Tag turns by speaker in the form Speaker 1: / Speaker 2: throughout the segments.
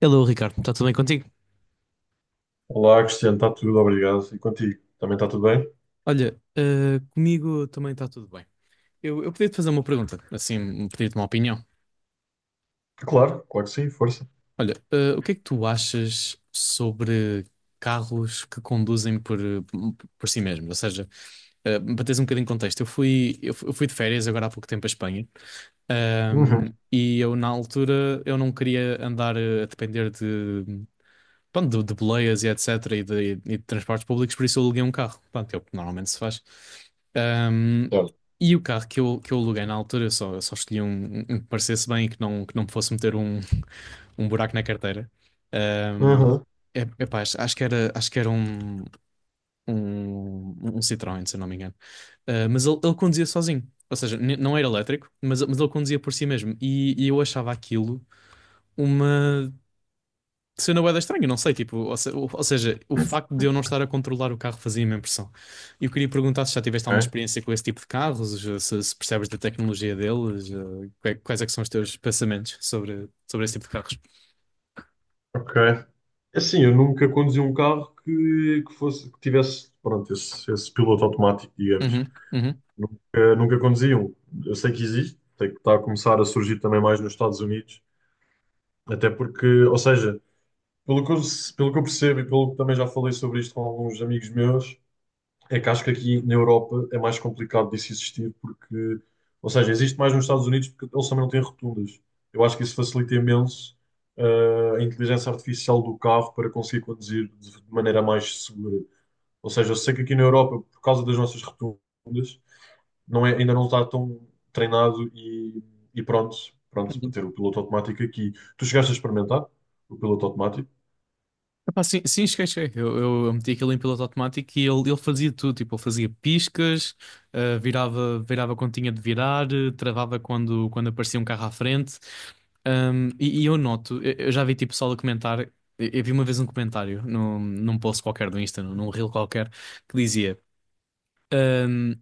Speaker 1: Hello, Ricardo, está tudo bem contigo?
Speaker 2: Olá, Cristiano, está tudo, obrigado. E contigo? Também está tudo bem?
Speaker 1: Olha, comigo também está tudo bem. Eu podia-te fazer uma pergunta, assim, pedir-te uma opinião.
Speaker 2: Claro, claro que sim, força.
Speaker 1: Olha, o que é que tu achas sobre carros que conduzem por si mesmos? Ou seja, para teres um bocadinho de contexto, eu fui de férias agora há pouco tempo à Espanha,
Speaker 2: Uhum.
Speaker 1: e eu na altura eu não queria andar a depender de boleias e etc. E de transportes públicos, por isso eu aluguei um carro. Pronto, é o que normalmente se faz. Ahm,
Speaker 2: Claro.
Speaker 1: e o carro que eu aluguei na altura, eu só escolhi um que me parecesse bem e que não me fosse meter um buraco na carteira. Ahm,
Speaker 2: Uhum.
Speaker 1: Epá, acho que era um, um Citroën, se eu não me engano. Ah, mas ele conduzia sozinho. Ou seja, não era elétrico, mas ele conduzia por si mesmo. E eu achava aquilo uma cena bué da estranha, não sei, tipo, ou, se- ou seja, o facto de eu não estar a controlar o carro fazia-me impressão. E eu queria perguntar se já tiveste alguma
Speaker 2: Ok,
Speaker 1: experiência com esse tipo de carros, se percebes da tecnologia deles, quais é que são os teus pensamentos sobre, sobre esse tipo de carros?
Speaker 2: ok. É assim, eu nunca conduzi um carro que tivesse, pronto, esse piloto automático, digamos.
Speaker 1: Uhum, uhum.
Speaker 2: Nunca conduzi um. Eu sei que existe, sei que está a começar a surgir também mais nos Estados Unidos, até porque, ou seja, pelo que eu, pelo que eu percebo e pelo que também já falei sobre isto com alguns amigos meus, é que acho que aqui na Europa é mais complicado disso existir, porque, ou seja, existe mais nos Estados Unidos porque eles também não têm rotundas. Eu acho que isso facilita imenso a inteligência artificial do carro para conseguir conduzir de maneira mais segura. Ou seja, eu sei que aqui na Europa, por causa das nossas rotundas, não é, ainda não está tão treinado e pronto, pronto para ter o piloto automático aqui. Tu chegaste a experimentar o piloto automático?
Speaker 1: Epá, sim, sim, esquece. Esquece. Eu meti aquilo em piloto automático e ele fazia tudo. Tipo, ele fazia piscas, ah, virava quando tinha de virar, travava quando, quando aparecia um carro à frente. E, e eu noto, eu já vi tipo pessoal a comentar. Eu vi uma vez um comentário num post qualquer do Insta, num reel qualquer, que dizia. Ahm,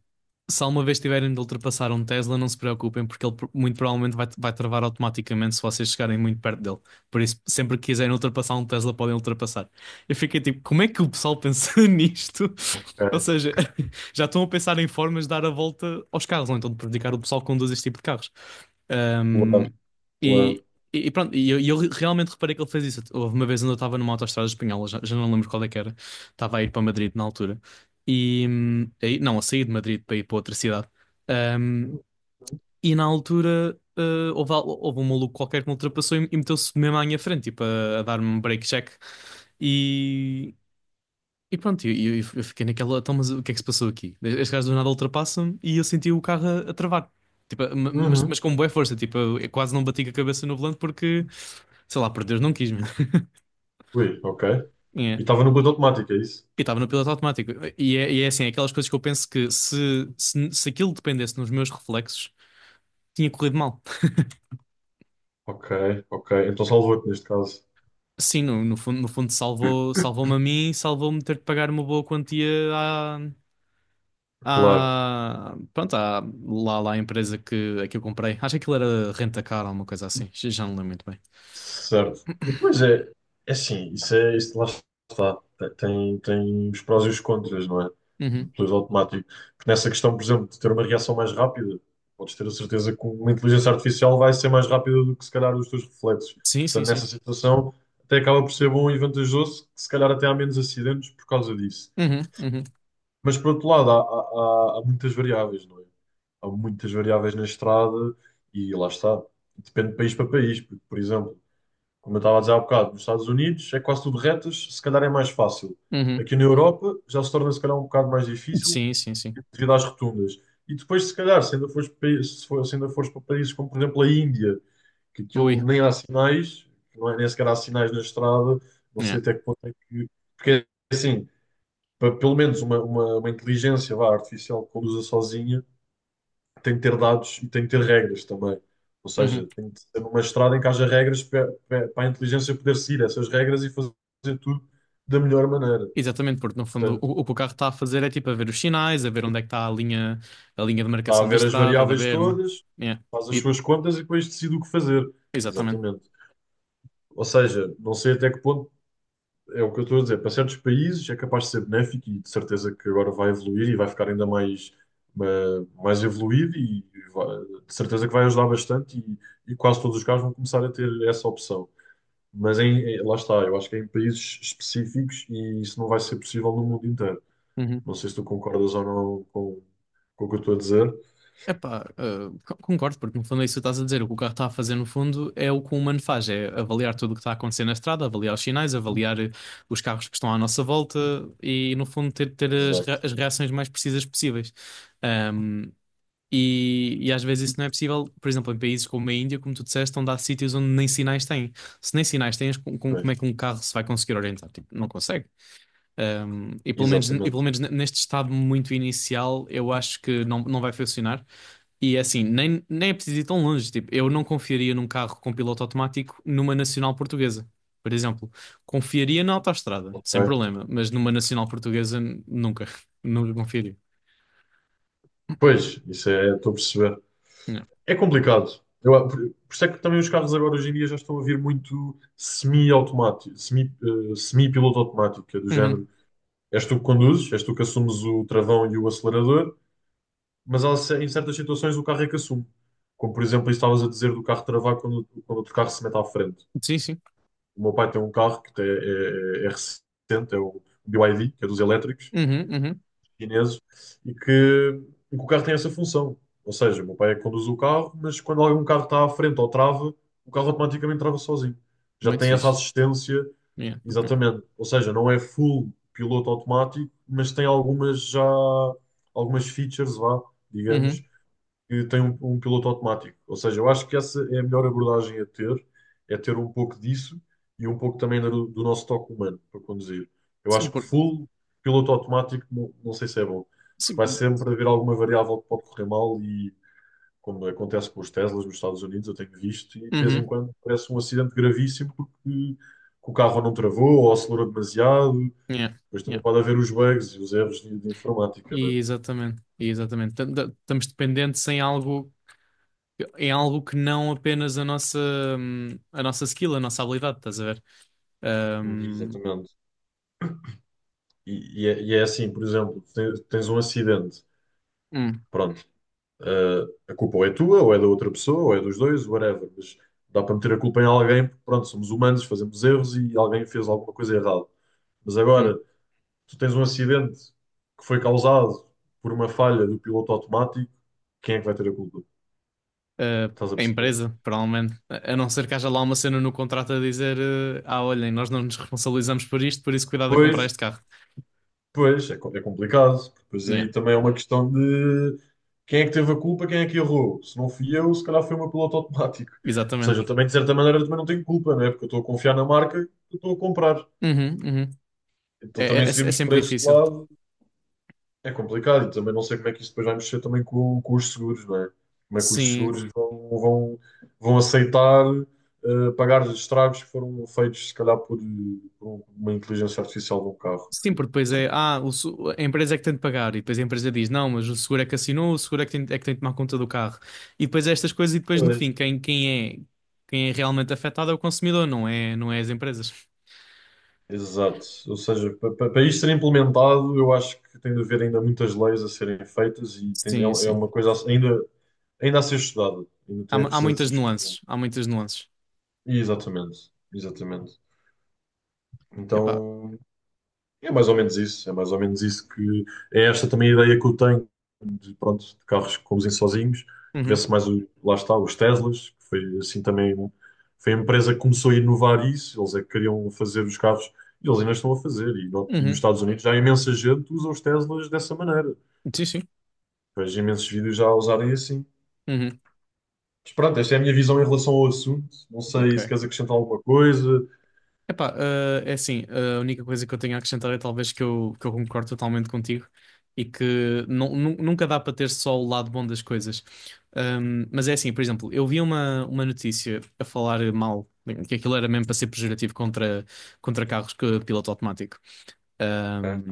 Speaker 1: Se alguma vez tiverem de ultrapassar um Tesla, não se preocupem, porque ele muito provavelmente vai, vai travar automaticamente se vocês chegarem muito perto dele. Por isso, sempre que quiserem ultrapassar um Tesla, podem ultrapassar. Eu fiquei tipo, como é que o pessoal pensa nisto? Ou
Speaker 2: Ok,
Speaker 1: seja, já estão a pensar em formas de dar a volta aos carros, ou então de prejudicar o pessoal que conduz este tipo de carros.
Speaker 2: claro,
Speaker 1: Um, e,
Speaker 2: claro.
Speaker 1: e eu realmente reparei que ele fez isso. Houve uma vez onde eu estava numa autoestrada espanhola, já não lembro qual é que era, estava a ir para Madrid na altura, e não, a sair de Madrid para ir para outra cidade. Hum, e na altura houve um maluco qualquer que me ultrapassou e meteu-se mesmo à minha frente, tipo, a dar-me um break check. E, e pronto, eu, eu fiquei naquela, então, mas o que é que se passou aqui? Este gajo do nada ultrapassa-me e eu senti o carro a travar. Tipo,
Speaker 2: Uhum.
Speaker 1: mas com boa força, tipo, eu quase não bati com a cabeça no volante porque, sei lá, por Deus, não quis mesmo.
Speaker 2: Ui, ok. E estava no piloto automático, é isso?
Speaker 1: E estava no piloto automático. E é assim, é aquelas coisas que eu penso que se aquilo dependesse dos meus reflexos, tinha corrido mal.
Speaker 2: Ok, ok. Então salvou-te neste caso.
Speaker 1: Sim, no fundo, no fundo salvou-me a mim e salvou-me ter de pagar uma boa quantia à,
Speaker 2: Claro.
Speaker 1: à, pronto, à, lá, lá à empresa que, a que eu comprei. Acho que aquilo era Rentacar ou alguma coisa assim. Já já não lembro muito bem.
Speaker 2: Certo. Pois é, é assim, isso é, isso lá está. Tem, tem os prós e os contras, não é? Do
Speaker 1: Uhum.
Speaker 2: piloto automático. Porque nessa questão, por exemplo, de ter uma reação mais rápida, podes ter a certeza que uma inteligência artificial vai ser mais rápida do que se calhar os teus reflexos.
Speaker 1: Sim, sim,
Speaker 2: Portanto, nessa
Speaker 1: sim.
Speaker 2: situação, até acaba por ser bom e vantajoso, que se calhar até há menos acidentes por causa disso.
Speaker 1: Uhum, uhum,
Speaker 2: Mas por outro lado, há, há muitas variáveis, não é? Há muitas variáveis na estrada e lá está. Depende de país para país. Porque, por exemplo, como eu estava a dizer há bocado, nos Estados Unidos é quase tudo retas, se calhar é mais fácil.
Speaker 1: uhum.
Speaker 2: Aqui na Europa já se torna se calhar um bocado mais difícil
Speaker 1: Sim, sim, sim.
Speaker 2: devido às rotundas. E depois, se calhar, se ainda fores, se ainda fores para países como, por exemplo, a Índia, que aquilo
Speaker 1: Ui.
Speaker 2: nem há sinais, não é, nem sequer há sinais na estrada, não
Speaker 1: Yeah.
Speaker 2: sei até que ponto é que. Porque é assim, para pelo menos uma inteligência vá, artificial que conduza sozinha tem que ter dados e tem que ter regras também. Ou seja,
Speaker 1: Uhum.
Speaker 2: tem que ser uma estrada em que haja regras para, para a inteligência poder seguir essas regras e fazer tudo da melhor maneira.
Speaker 1: Exatamente, porque no fundo
Speaker 2: Portanto,
Speaker 1: o que o carro está a fazer é tipo a ver os sinais, a ver onde é que está a linha de
Speaker 2: está a
Speaker 1: marcação da
Speaker 2: ver as
Speaker 1: estrada, da
Speaker 2: variáveis
Speaker 1: berma.
Speaker 2: todas,
Speaker 1: Yeah.
Speaker 2: faz as
Speaker 1: E-
Speaker 2: suas contas e depois decide o que fazer.
Speaker 1: Exatamente.
Speaker 2: Exatamente. Ou seja, não sei até que ponto. É o que eu estou a dizer. Para certos países é capaz de ser benéfico e de certeza que agora vai evoluir e vai ficar ainda mais, ma- mais evoluído e de certeza que vai ajudar bastante e quase todos os carros vão começar a ter essa opção. Mas em, lá está, eu acho que é em países específicos e isso não vai ser possível no mundo inteiro.
Speaker 1: Uhum.
Speaker 2: Não sei se tu concordas ou não com, com o que eu estou a dizer.
Speaker 1: Epá, concordo, porque no fundo é isso que estás a dizer. O que o carro está a fazer no fundo é o que o humano faz, é avaliar tudo o que está a acontecer na estrada, avaliar os sinais, avaliar os carros que estão à nossa volta e no fundo ter
Speaker 2: Exato.
Speaker 1: as reações mais precisas possíveis. E às vezes isso não é possível, por exemplo, em países como a Índia, como tu disseste, onde há sítios onde nem sinais têm. Se nem sinais tens, como
Speaker 2: Pois,
Speaker 1: é que um carro se vai conseguir orientar? Tipo, não consegue. E pelo menos, e pelo
Speaker 2: exatamente.
Speaker 1: menos neste estado muito inicial, eu acho que não, não vai funcionar. E é assim, nem, nem é preciso ir tão longe. Tipo, eu não confiaria num carro com piloto automático numa nacional portuguesa, por exemplo. Confiaria na autoestrada, sem
Speaker 2: Ok.
Speaker 1: problema, mas numa nacional portuguesa, nunca. Nunca confiaria.
Speaker 2: Pois, isso é, estou a perceber.
Speaker 1: Não.
Speaker 2: É complicado. Eu, por isso é que também os carros agora hoje em dia já estão a vir muito semi-automático, semi, semi-piloto automático, que é do
Speaker 1: Uhum.
Speaker 2: género. És tu que conduzes, és tu que assumes o travão e o acelerador, mas há em certas situações o carro é que assume. Como por exemplo, isso estavas a dizer do carro travar quando, quando outro carro se mete à frente.
Speaker 1: Sim, sim.
Speaker 2: O meu pai tem um carro que é recente, é o BYD, que é dos elétricos,
Speaker 1: Uhum, uhum.
Speaker 2: chineses e que, e que o carro tem essa função. Ou seja, o meu pai é que conduz o carro, mas quando algum carro está à frente ou trava, o carro automaticamente trava sozinho. Já
Speaker 1: Muito
Speaker 2: tem essa
Speaker 1: fixe.
Speaker 2: assistência,
Speaker 1: Yeah, yeah.
Speaker 2: exatamente. Ou seja, não é full piloto automático, mas tem algumas já algumas features, vá, digamos,
Speaker 1: Uhum.
Speaker 2: que tem um piloto automático. Ou seja, eu acho que essa é a melhor abordagem a ter, é ter um pouco disso e um pouco também do, do nosso toque humano para conduzir. Eu
Speaker 1: Sim,
Speaker 2: acho que
Speaker 1: por...
Speaker 2: full piloto automático não, não sei se é bom, porque
Speaker 1: Sim,
Speaker 2: vai
Speaker 1: por...
Speaker 2: sempre haver alguma variável que pode correr mal e, como acontece com os Teslas nos Estados Unidos, eu tenho visto, e de vez em
Speaker 1: Uhum.
Speaker 2: quando parece um acidente gravíssimo porque que o carro não travou ou acelerou demasiado.
Speaker 1: Yeah,
Speaker 2: Depois também
Speaker 1: yeah.
Speaker 2: pode haver os bugs e os erros de informática, não
Speaker 1: E exatamente, e exatamente. Estamos dependentes em algo que não apenas a nossa skill, a nossa habilidade, estás a ver?
Speaker 2: é?
Speaker 1: Hum,
Speaker 2: Exatamente. E é assim, por exemplo, tens, tens um acidente,
Speaker 1: hum,
Speaker 2: pronto, a culpa ou é tua, ou é da outra pessoa, ou é dos dois, whatever, mas dá para meter a culpa em alguém, porque pronto, somos humanos, fazemos erros e alguém fez alguma coisa errada. Mas
Speaker 1: hum.
Speaker 2: agora, tu tens um acidente que foi causado por uma falha do piloto automático, quem é que vai ter a culpa? Estás a
Speaker 1: A
Speaker 2: perceber?
Speaker 1: empresa, provavelmente. A não ser que haja lá uma cena no contrato a dizer, eh, ah, olhem, nós não nos responsabilizamos por isto, por isso cuidado a comprar
Speaker 2: Pois,
Speaker 1: este carro.
Speaker 2: pois, é, é complicado, porque depois
Speaker 1: Yeah,
Speaker 2: aí também é uma questão de quem é que teve a culpa, quem é que errou. Se não fui eu, se calhar foi o meu piloto automático. Ou seja,
Speaker 1: exatamente.
Speaker 2: eu também, de certa maneira, também não tenho culpa, não é? Porque eu estou a confiar na marca que eu estou a comprar.
Speaker 1: Uhum, uhum. É,
Speaker 2: Então também
Speaker 1: é
Speaker 2: se virmos por
Speaker 1: sempre
Speaker 2: esse
Speaker 1: difícil.
Speaker 2: lado, é complicado. E também não sei como é que isso depois vai mexer também com os seguros, não é? Como é que os
Speaker 1: Sim.
Speaker 2: seguros vão aceitar pagar os estragos que foram feitos, se calhar, por uma inteligência artificial de um carro.
Speaker 1: Sim, porque depois é, ah, o se- a empresa é que tem de pagar, e depois a empresa diz, não, mas o seguro é que assinou, o seguro é que tem de tomar conta do carro. E depois é estas coisas, e depois no fim, quem é realmente afetado é o consumidor, não é, não é as empresas.
Speaker 2: Exato. Ou seja, para isto ser implementado, eu acho que tem de haver ainda muitas leis a serem feitas e é,
Speaker 1: Sim,
Speaker 2: é
Speaker 1: sim.
Speaker 2: uma coisa ainda, ainda a ser estudada. Ainda tem,
Speaker 1: Há
Speaker 2: precisa de ser
Speaker 1: muitas
Speaker 2: estudada.
Speaker 1: nuances, há muitas nuances.
Speaker 2: Exatamente. Exatamente.
Speaker 1: Epá,
Speaker 2: Então, é mais ou menos isso, é mais ou menos isso que é esta também a ideia que eu tenho de, pronto, de carros que conduzem sozinhos,
Speaker 1: uhum,
Speaker 2: vê-se mais, o, lá está, os Teslas, que foi assim também, foi a empresa que começou a inovar isso, eles é que queriam fazer os carros e eles ainda estão a fazer, e, e nos
Speaker 1: uhum,
Speaker 2: Estados Unidos já há imensa gente que usa os Teslas dessa maneira,
Speaker 1: sim, sim,
Speaker 2: vejo imensos vídeos já a usarem assim.
Speaker 1: uhum,
Speaker 2: Mas pronto, esta é a minha visão em relação ao assunto, não
Speaker 1: ok.
Speaker 2: sei se queres acrescentar alguma coisa.
Speaker 1: Epá, ah, é assim, eh, a única coisa que eu tenho a acrescentar é talvez que eu concordo totalmente contigo e que nunca dá para ter só o lado bom das coisas. Mas é assim, por exemplo, eu vi uma notícia a falar mal, que aquilo era mesmo para ser pejorativo contra carros que piloto automático
Speaker 2: Ok,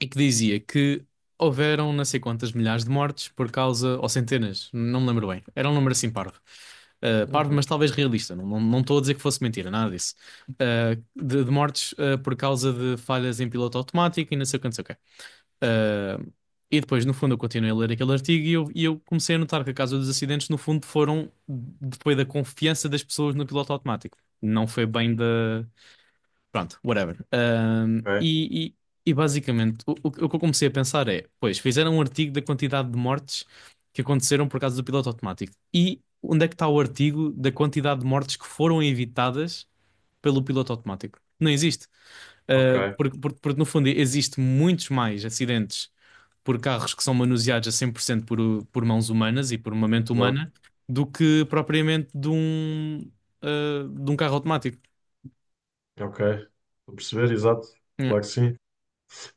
Speaker 1: e que dizia que houveram não sei quantas milhares de mortes por causa, ou centenas, não me lembro bem. Era um número assim parvo. Parvo, mas
Speaker 2: uhum,
Speaker 1: talvez realista. Não, não, não estou a dizer que fosse mentira, nada disso. De mortes por causa de falhas em piloto automático e não sei o que, não sei o quê. Uh, e depois, no fundo, eu continuei a ler aquele artigo e eu comecei a notar que a causa dos acidentes, no fundo, foram depois da confiança das pessoas no piloto automático. Não foi bem da. Pronto, whatever.
Speaker 2: ok,
Speaker 1: E basicamente o que eu comecei a pensar é: pois, fizeram um artigo da quantidade de mortes que aconteceram por causa do piloto automático. E onde é que está o artigo da quantidade de mortes que foram evitadas pelo piloto automático? Não existe.
Speaker 2: ok,
Speaker 1: Ah, porque, no fundo existe muitos mais acidentes por carros que são manuseados a 100% por mãos humanas e por uma mente
Speaker 2: exato,
Speaker 1: humana do que propriamente de um, ah, de um carro automático.
Speaker 2: ok, estou a perceber, exato,
Speaker 1: É.
Speaker 2: claro que sim.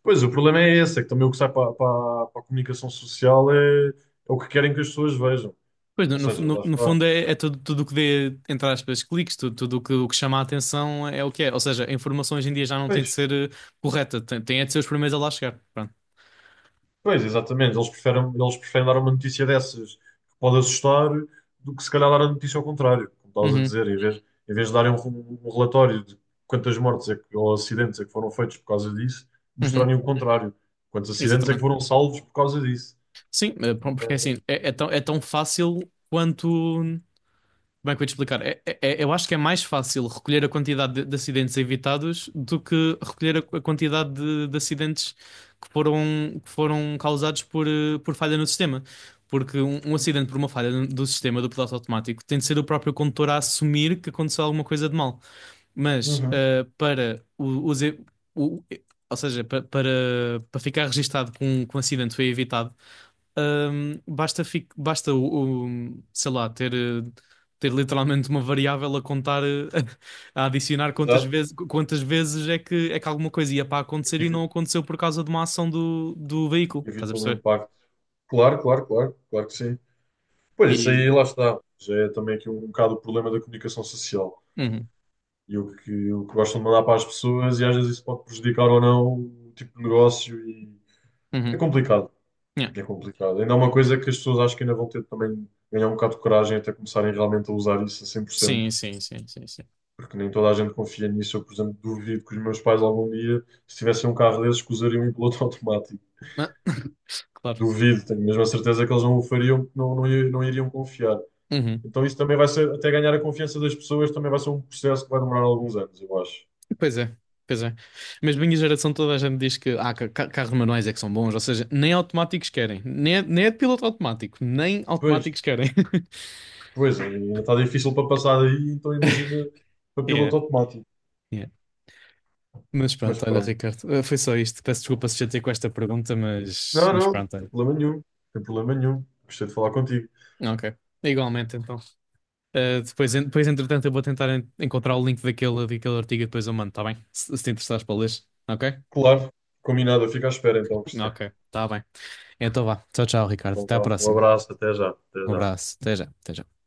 Speaker 2: Pois, o problema é esse, é que também o que sai para a comunicação social é, é o que querem que as pessoas vejam.
Speaker 1: Pois,
Speaker 2: Ou seja, lá
Speaker 1: no
Speaker 2: está.
Speaker 1: fundo é, é tudo, tudo o que dê, entre aspas, cliques, tudo, tudo o que chama a atenção é o que é. Ou seja, a informação hoje em dia já não tem
Speaker 2: Pois,
Speaker 1: de ser correta, tem, tem é de ser os primeiros a lá chegar. Pronto.
Speaker 2: pois, exatamente. Eles preferem dar uma notícia dessas que pode assustar do que se calhar dar a notícia ao contrário, como estavas a
Speaker 1: Uhum,
Speaker 2: dizer, em vez de darem um, um relatório de quantas mortes é que, ou acidentes é que foram feitos por causa disso, mostrarem
Speaker 1: uhum,
Speaker 2: o contrário. Quantos acidentes é que
Speaker 1: exatamente.
Speaker 2: foram salvos por causa disso.
Speaker 1: Sim, eh, pronto, porque assim, é tão fácil quanto. Como é que eu ia te explicar? Eu acho que é mais fácil recolher a quantidade de acidentes evitados do que recolher a quantidade de acidentes que foram, que foram causados por, por falha no sistema. Porque um acidente por uma falha no do sistema do piloto automático tem de ser o próprio condutor a assumir que aconteceu alguma coisa de mal. Mas
Speaker 2: Uhum.
Speaker 1: eh, para o, os e- o- e- ou seja, pa- para, para ficar registado que que um acidente foi evitado, basta, basta sei lá, ter. Ter literalmente uma variável a contar, eh, a adicionar
Speaker 2: Exato.
Speaker 1: quantas vezes é que alguma coisa ia para acontecer e
Speaker 2: Evita,
Speaker 1: não aconteceu por causa de uma ação do, do veículo, estás a
Speaker 2: evita o
Speaker 1: perceber?
Speaker 2: impacto. Claro, claro, claro, claro que sim. Pois isso
Speaker 1: E.
Speaker 2: aí lá está. Já é também aqui um, bocado o problema da comunicação social
Speaker 1: Uhum,
Speaker 2: e o que gostam de mandar para as pessoas, e às vezes isso pode prejudicar ou não o tipo de negócio e é
Speaker 1: uhum,
Speaker 2: complicado.
Speaker 1: yeah.
Speaker 2: É complicado. Ainda é uma coisa que as pessoas acho que ainda vão ter também de ganhar um bocado de coragem até começarem realmente a usar isso a 100%
Speaker 1: Sim, sim, sim, sim, sim.
Speaker 2: porque nem toda a gente confia nisso. Eu, por exemplo, duvido que os meus pais algum dia, se tivessem um carro desses, que usariam em piloto automático.
Speaker 1: Ah, claro.
Speaker 2: Duvido, tenho mesmo a certeza que eles não o fariam, porque não iriam confiar.
Speaker 1: Uhum.
Speaker 2: Então isso também vai ser, até ganhar a confiança das pessoas, também vai ser um processo que vai demorar alguns anos, eu acho.
Speaker 1: Pois é, pois é. Mas minha geração toda a gente diz que ah, carros manuais é que são bons, ou seja, nem automáticos querem, nem é de piloto automático, nem
Speaker 2: Pois,
Speaker 1: automáticos querem.
Speaker 2: pois, ainda está difícil para passar aí então imagina para
Speaker 1: Yeah.
Speaker 2: piloto automático.
Speaker 1: Mas
Speaker 2: Mas
Speaker 1: pronto, olha,
Speaker 2: pronto.
Speaker 1: Ricardo, foi só isto. Peço desculpa se já te com esta pergunta,
Speaker 2: Não,
Speaker 1: mas
Speaker 2: não, não
Speaker 1: pronto,
Speaker 2: tem
Speaker 1: olha.
Speaker 2: problema nenhum, não tem problema nenhum. Gostei de falar contigo.
Speaker 1: Ok. Igualmente, então. Depois, entretanto, eu vou tentar encontrar o link daquele, daquele artigo e depois eu mando, tá bem? Se te interessares para ler. Ok?
Speaker 2: Claro, combinado, eu fico à espera então, Cristiano.
Speaker 1: Ok, tá bem. Então vá. Tchau, tchau, Ricardo.
Speaker 2: Então,
Speaker 1: Até à
Speaker 2: vá, um
Speaker 1: próxima.
Speaker 2: abraço, até já, até
Speaker 1: Um
Speaker 2: já.
Speaker 1: abraço. Até já. Até já.